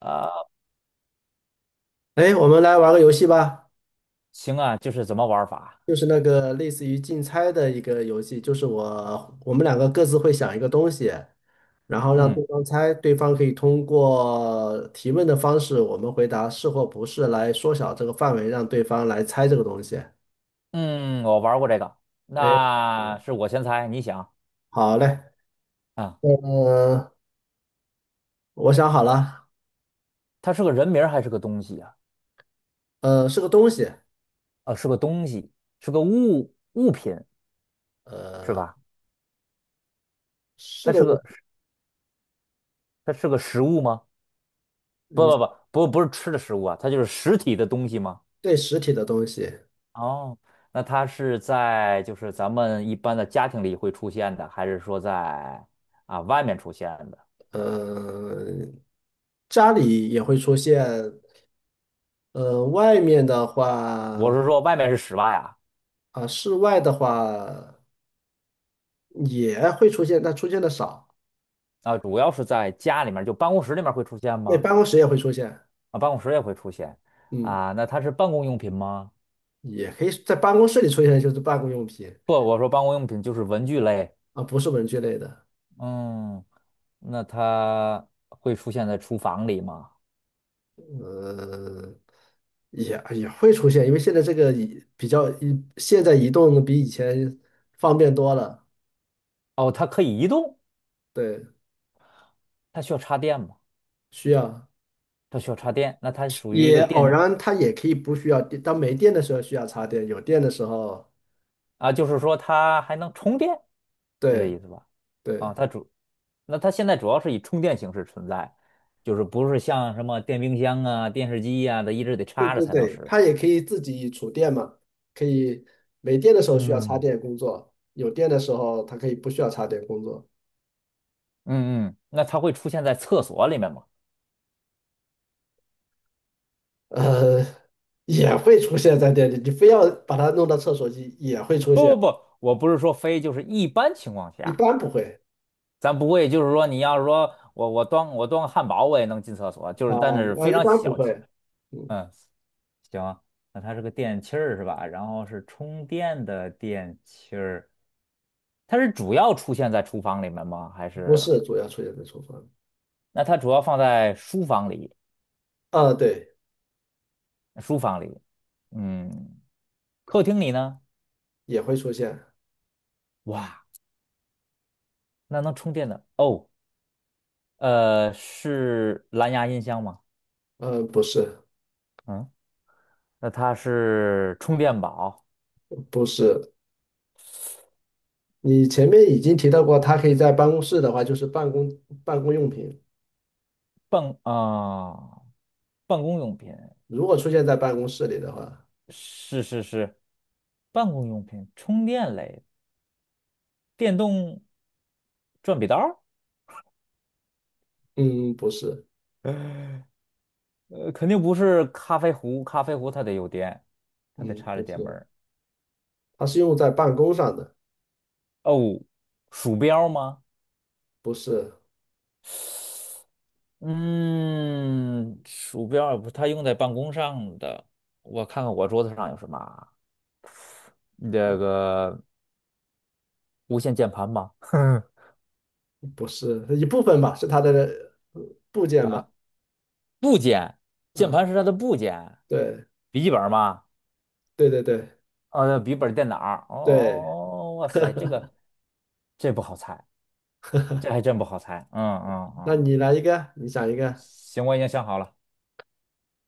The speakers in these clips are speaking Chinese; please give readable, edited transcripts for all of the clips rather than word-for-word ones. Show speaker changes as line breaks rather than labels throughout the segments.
呃，
哎，我们来玩个游戏吧，
行啊，就是怎么玩法？
就是那个类似于竞猜的一个游戏，就是我们两个各自会想一个东西，然后让
嗯
对方猜，对方可以通过提问的方式，我们回答是或不是，来缩小这个范围，让对方来猜这个东西。
嗯，我玩过这个，
哎，
那是我先猜，你想
好嘞，
啊，
呃，我想好了，
它是个人名儿还是个东西啊？
是个东西，
啊，是个东西，是个物品是
呃，
吧？
是
它
个
是
物，
个它是个食物吗？不
你
不不不是吃的食物啊，它就是实体的东西吗？
对实体的东西，
哦，那它是在就是咱们一般的家庭里会出现的，还是说在啊外面出现的？
呃，家里也会出现，外面的
我
话
是说外面是室外啊，
啊，室外的话也会出现，但出现的少。
啊，主要是在家里面，就办公室里面会出现
对，
吗？
办公室也会出现，
啊，办公室也会出现
嗯，
啊。那它是办公用品吗？
也可以在办公室里出现，就是办公用品
不，我说办公用品就是文具类。
啊，不是文具类的，
嗯，那它会出现在厨房里吗？
呃，也会出现，因为现在这个移比较移，现在移动比以前方便多了，
哦，它可以移动，
对，
它需要插电吗？
需要
它需要插电，那它属于一
也
个
偶
电
然它也可以不需要电，当没电的时候需要插电，有电的时候，
啊，就是说它还能充电，是这
对
意思吧？啊，
对。
它主，那它现在主要是以充电形式存在，就是不是像什么电冰箱啊、电视机呀、它一直得
对
插着
对
才能
对，
使。
它也可以自己储电嘛，可以没电的时候需要插
嗯，
电工作，有电的时候它可以不需要插电工作。
嗯嗯，那它会出现在厕所里面吗？
呃，也会出现在店里，你非要把它弄到厕所去，也会
不
出
不
现，
不，我不是说非，就是一般情况
一
下，
般不会
咱不会就是说你要是说我端个汉堡我也能进厕所，就
啊
是但是
啊，
非
一
常
般不
小
会，
气。
嗯，
嗯，行，那它是个电器儿是吧？然后是充电的电器儿，它是主要出现在厨房里面吗？还
不
是
是主要出现在厨房，
那它主要放在书房里？
啊，对，
书房里，嗯，客厅里呢？
也会出现，
哇，那能充电的哦，是蓝牙音箱吗？
呃，不是
嗯。那它是充电宝，
不是，你前面已经提到过，它可以在办公室的话，就是办公用品，
办啊、办公用品，
如果出现在办公室里的话，
是是是，办公用品，充电类，电动转笔刀 儿，
嗯，不是。
肯定不是咖啡壶，咖啡壶它得有电，它得
嗯，
插着
不
电门
是，
儿。
它是用在办公上的，
哦，鼠标吗？
不是，
嗯，鼠标也不是它用在办公上的，我看看我桌子上有什么啊？这个无线键盘吗？
不是一部分吧，是它的部件吧？
啊，部件，键
啊，
盘是它的部件，
对，
笔记本吗？
对对对
笔记本电脑儿。
对，
哦，哇塞，这不好猜，这还真不好猜。嗯嗯
那
嗯，
你来一个，你想一个，
行，我已经想好了，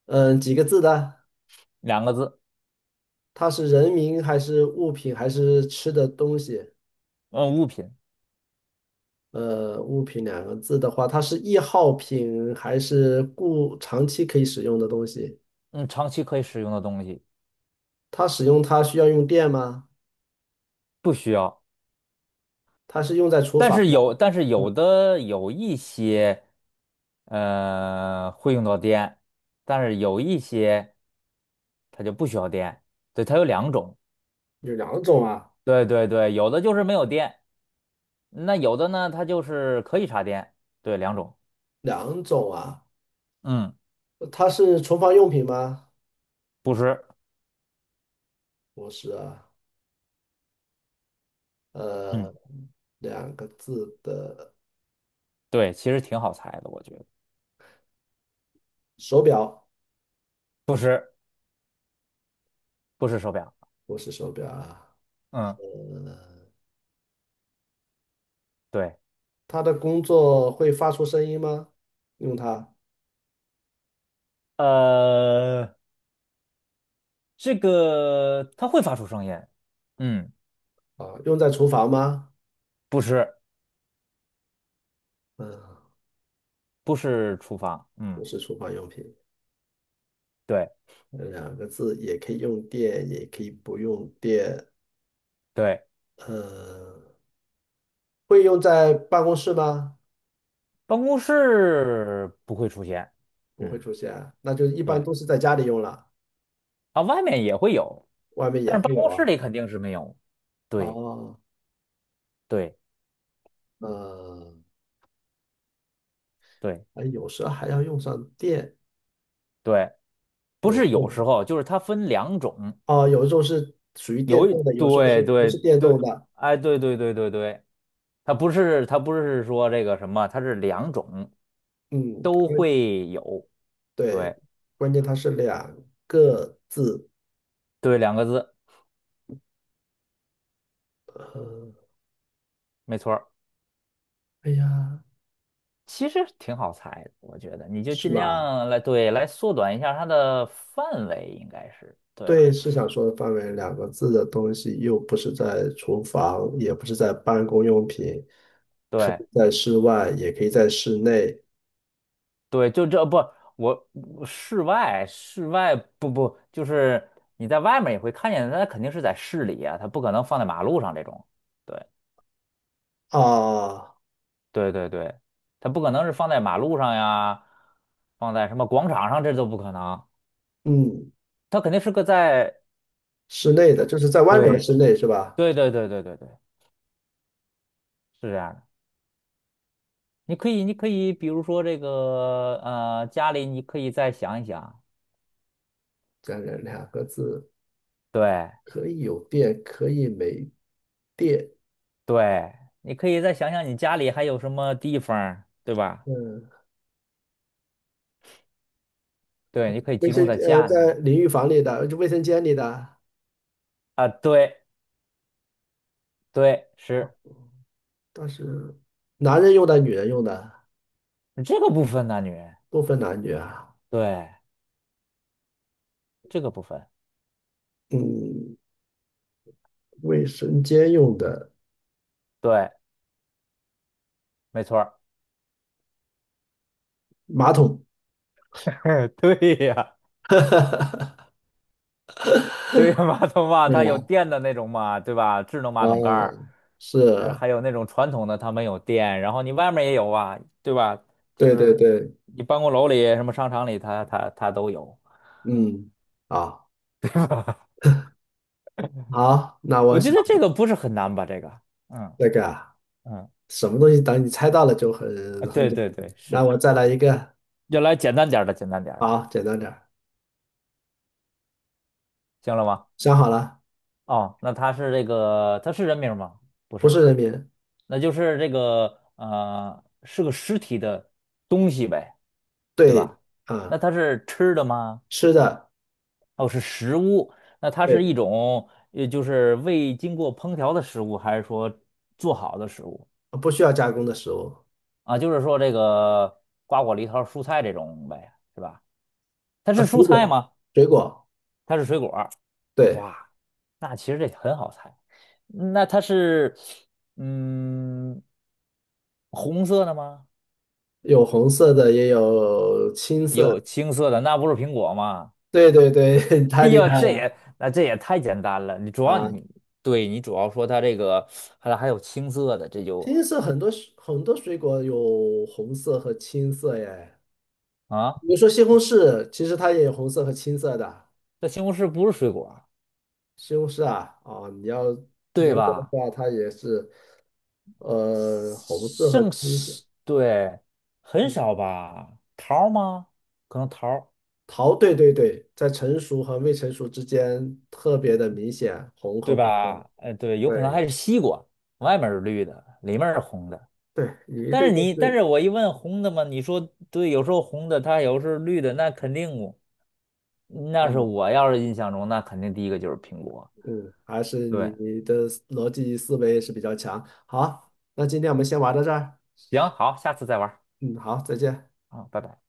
嗯，几个字的？
两个字，
它是人名还是物品还是吃的东西？
嗯，物品，
呃，物品两个字的话，它是易耗品还是固长期可以使用的东西？
嗯，长期可以使用的东西，
它使用它需要用电吗？
不需要。
它是用在厨
但
房
是
吗？
有，但是
嗯，
有的有一些，会用到电，但是有一些它就不需要电。对，它有两种。
有两种啊，
对对对，有的就是没有电。那有的呢，它就是可以插电，对，两种，
两种啊。
嗯
它是厨房用品吗？
不是，
不是啊，呃，
嗯
两个字的
对，其实挺好猜的，我觉得
手表，
不是，不是手表，
不是手表啊。
嗯对，
它的工作会发出声音吗？用它
呃，这个它会发出声音，嗯，
啊，用在厨房吗？
不是，
嗯，
不是厨房，
不
嗯，
是厨房用品，
对
两个字也可以用电，也可以不用电。
对，
呃，会用在办公室吗？
办公室不会出现，
不会
嗯，
出现啊，那就一般
对
都是在家里用了，
啊，外面也会有，
外面也
但是
会
办
有
公室
啊。
里肯定是没有，对
哦，
对
呃，
对
哎，有时候还要用上电。
对，不
有
是
时
有
候
时候，就是它分两种，
哦，有时候是属于电
有一
动的，有时候是
对
不是
对
电动
对，
的？
哎，对对对对对，它不是说这个什么，它是两种
嗯，
都
因为
会有，
对，
对
关键它是两个字。
对，两个字，
呃，
没错儿
哎呀，
其实挺好猜的，我觉得你就
是
尽
吧？
量来对来缩短一下它的范围，应该是对
对，是想说的范围，两个字的东西又不是在厨房，也不是在办公用品，可
对
以在室外，也可以在室内
对，就这不我室外不不就是你在外面也会看见，它肯定是在市里啊，它不可能放在马路上这种，对
啊。
对对对，它不可能是放在马路上呀，放在什么广场上，这都不可能。
嗯，
它肯定是个在
室 内的就
有，
是在外面的
对
室内是吧？
对对对对对对，是这样的。你可以，比如说这个，家里你可以再想一想，
这人两个字
对
可以有电，可以没电。
对，你可以再想想你家里还有什么地方儿对吧？
嗯，
对，你可以集中在家里
在
面
淋浴房里的，就卫生间里的，
啊，对对，是
但是男人用的，女人用的，
这个部分男女，
不分男女啊。
对这个部分，
嗯，卫生间用的
对，没错儿，
马桶，
对呀。对呀，马桶嘛，它有
嗯，
电的那种嘛，对吧？智能马桶盖
哦，
儿，呃
是，
还有那种传统的，它没有电，然后你外面也有啊，对吧？就
对对
是
对，
你办公楼里、什么商场里，它它都有。
嗯，啊，好，那我
我觉
想
得这个不是很难吧？这个，嗯
那个啊
嗯，
什么东西，等你猜到了就很
啊
很
对
简
对
单。
对，
那
是。
我再来一个，
要来简单点儿的，简单点儿的，
好，简单点儿，
行了吗？
想好了，
哦，那它是这个，它是人名吗？不
不是
是，
人民，
那就是这个是个实体的东西呗，对
对，
吧？那
啊，
它是吃的吗？
吃的，
哦，是食物，那它是
对，
一种，就是未经过烹调的食物，还是说做好的食物
不需要加工的食物，
啊？就是说这个瓜果梨桃蔬菜这种呗，是吧？它
啊，
是蔬
水
菜
果，
吗？
水果。
它是水果儿
对，
哇，那其实这很好猜。嗯那它是，嗯，红色的吗？
有红色的，也有青色
有
的。
青色的，那不是苹果吗？
对对 对，太
哎
厉
呀，
害
这
了
也那这也太简单了。你主要
啊！
你对你主要说它这个，还有青色的，这就
青色很多水很多水果有红色和青色耶，
啊。
比如说西红柿，其实它也有红色和青色的。
这西红柿不是水果儿，
西红柿啊，啊，你要
对
严格的
吧？
话，它也是红色和
剩
青色。
是，对，很
嗯，
少吧？桃儿吗？可能桃儿，
桃，对对对，在成熟和未成熟之间特别的明显，红
对
和不红。
吧？哎，对，有可能还
对
是西瓜，外面是绿的，里面是红的。
对，你对这
但
个
是我一问红的嘛，你说对，有时候红的，它有时候绿的，那肯定我
啊。
那
嗯
是我要是印象中，那肯定第一个就是苹果。
嗯，还是你
对，
的逻辑思维是比较强。好，那今天我们先玩到这儿。
行，好，下次再玩儿
嗯，好，再见。
啊，拜拜。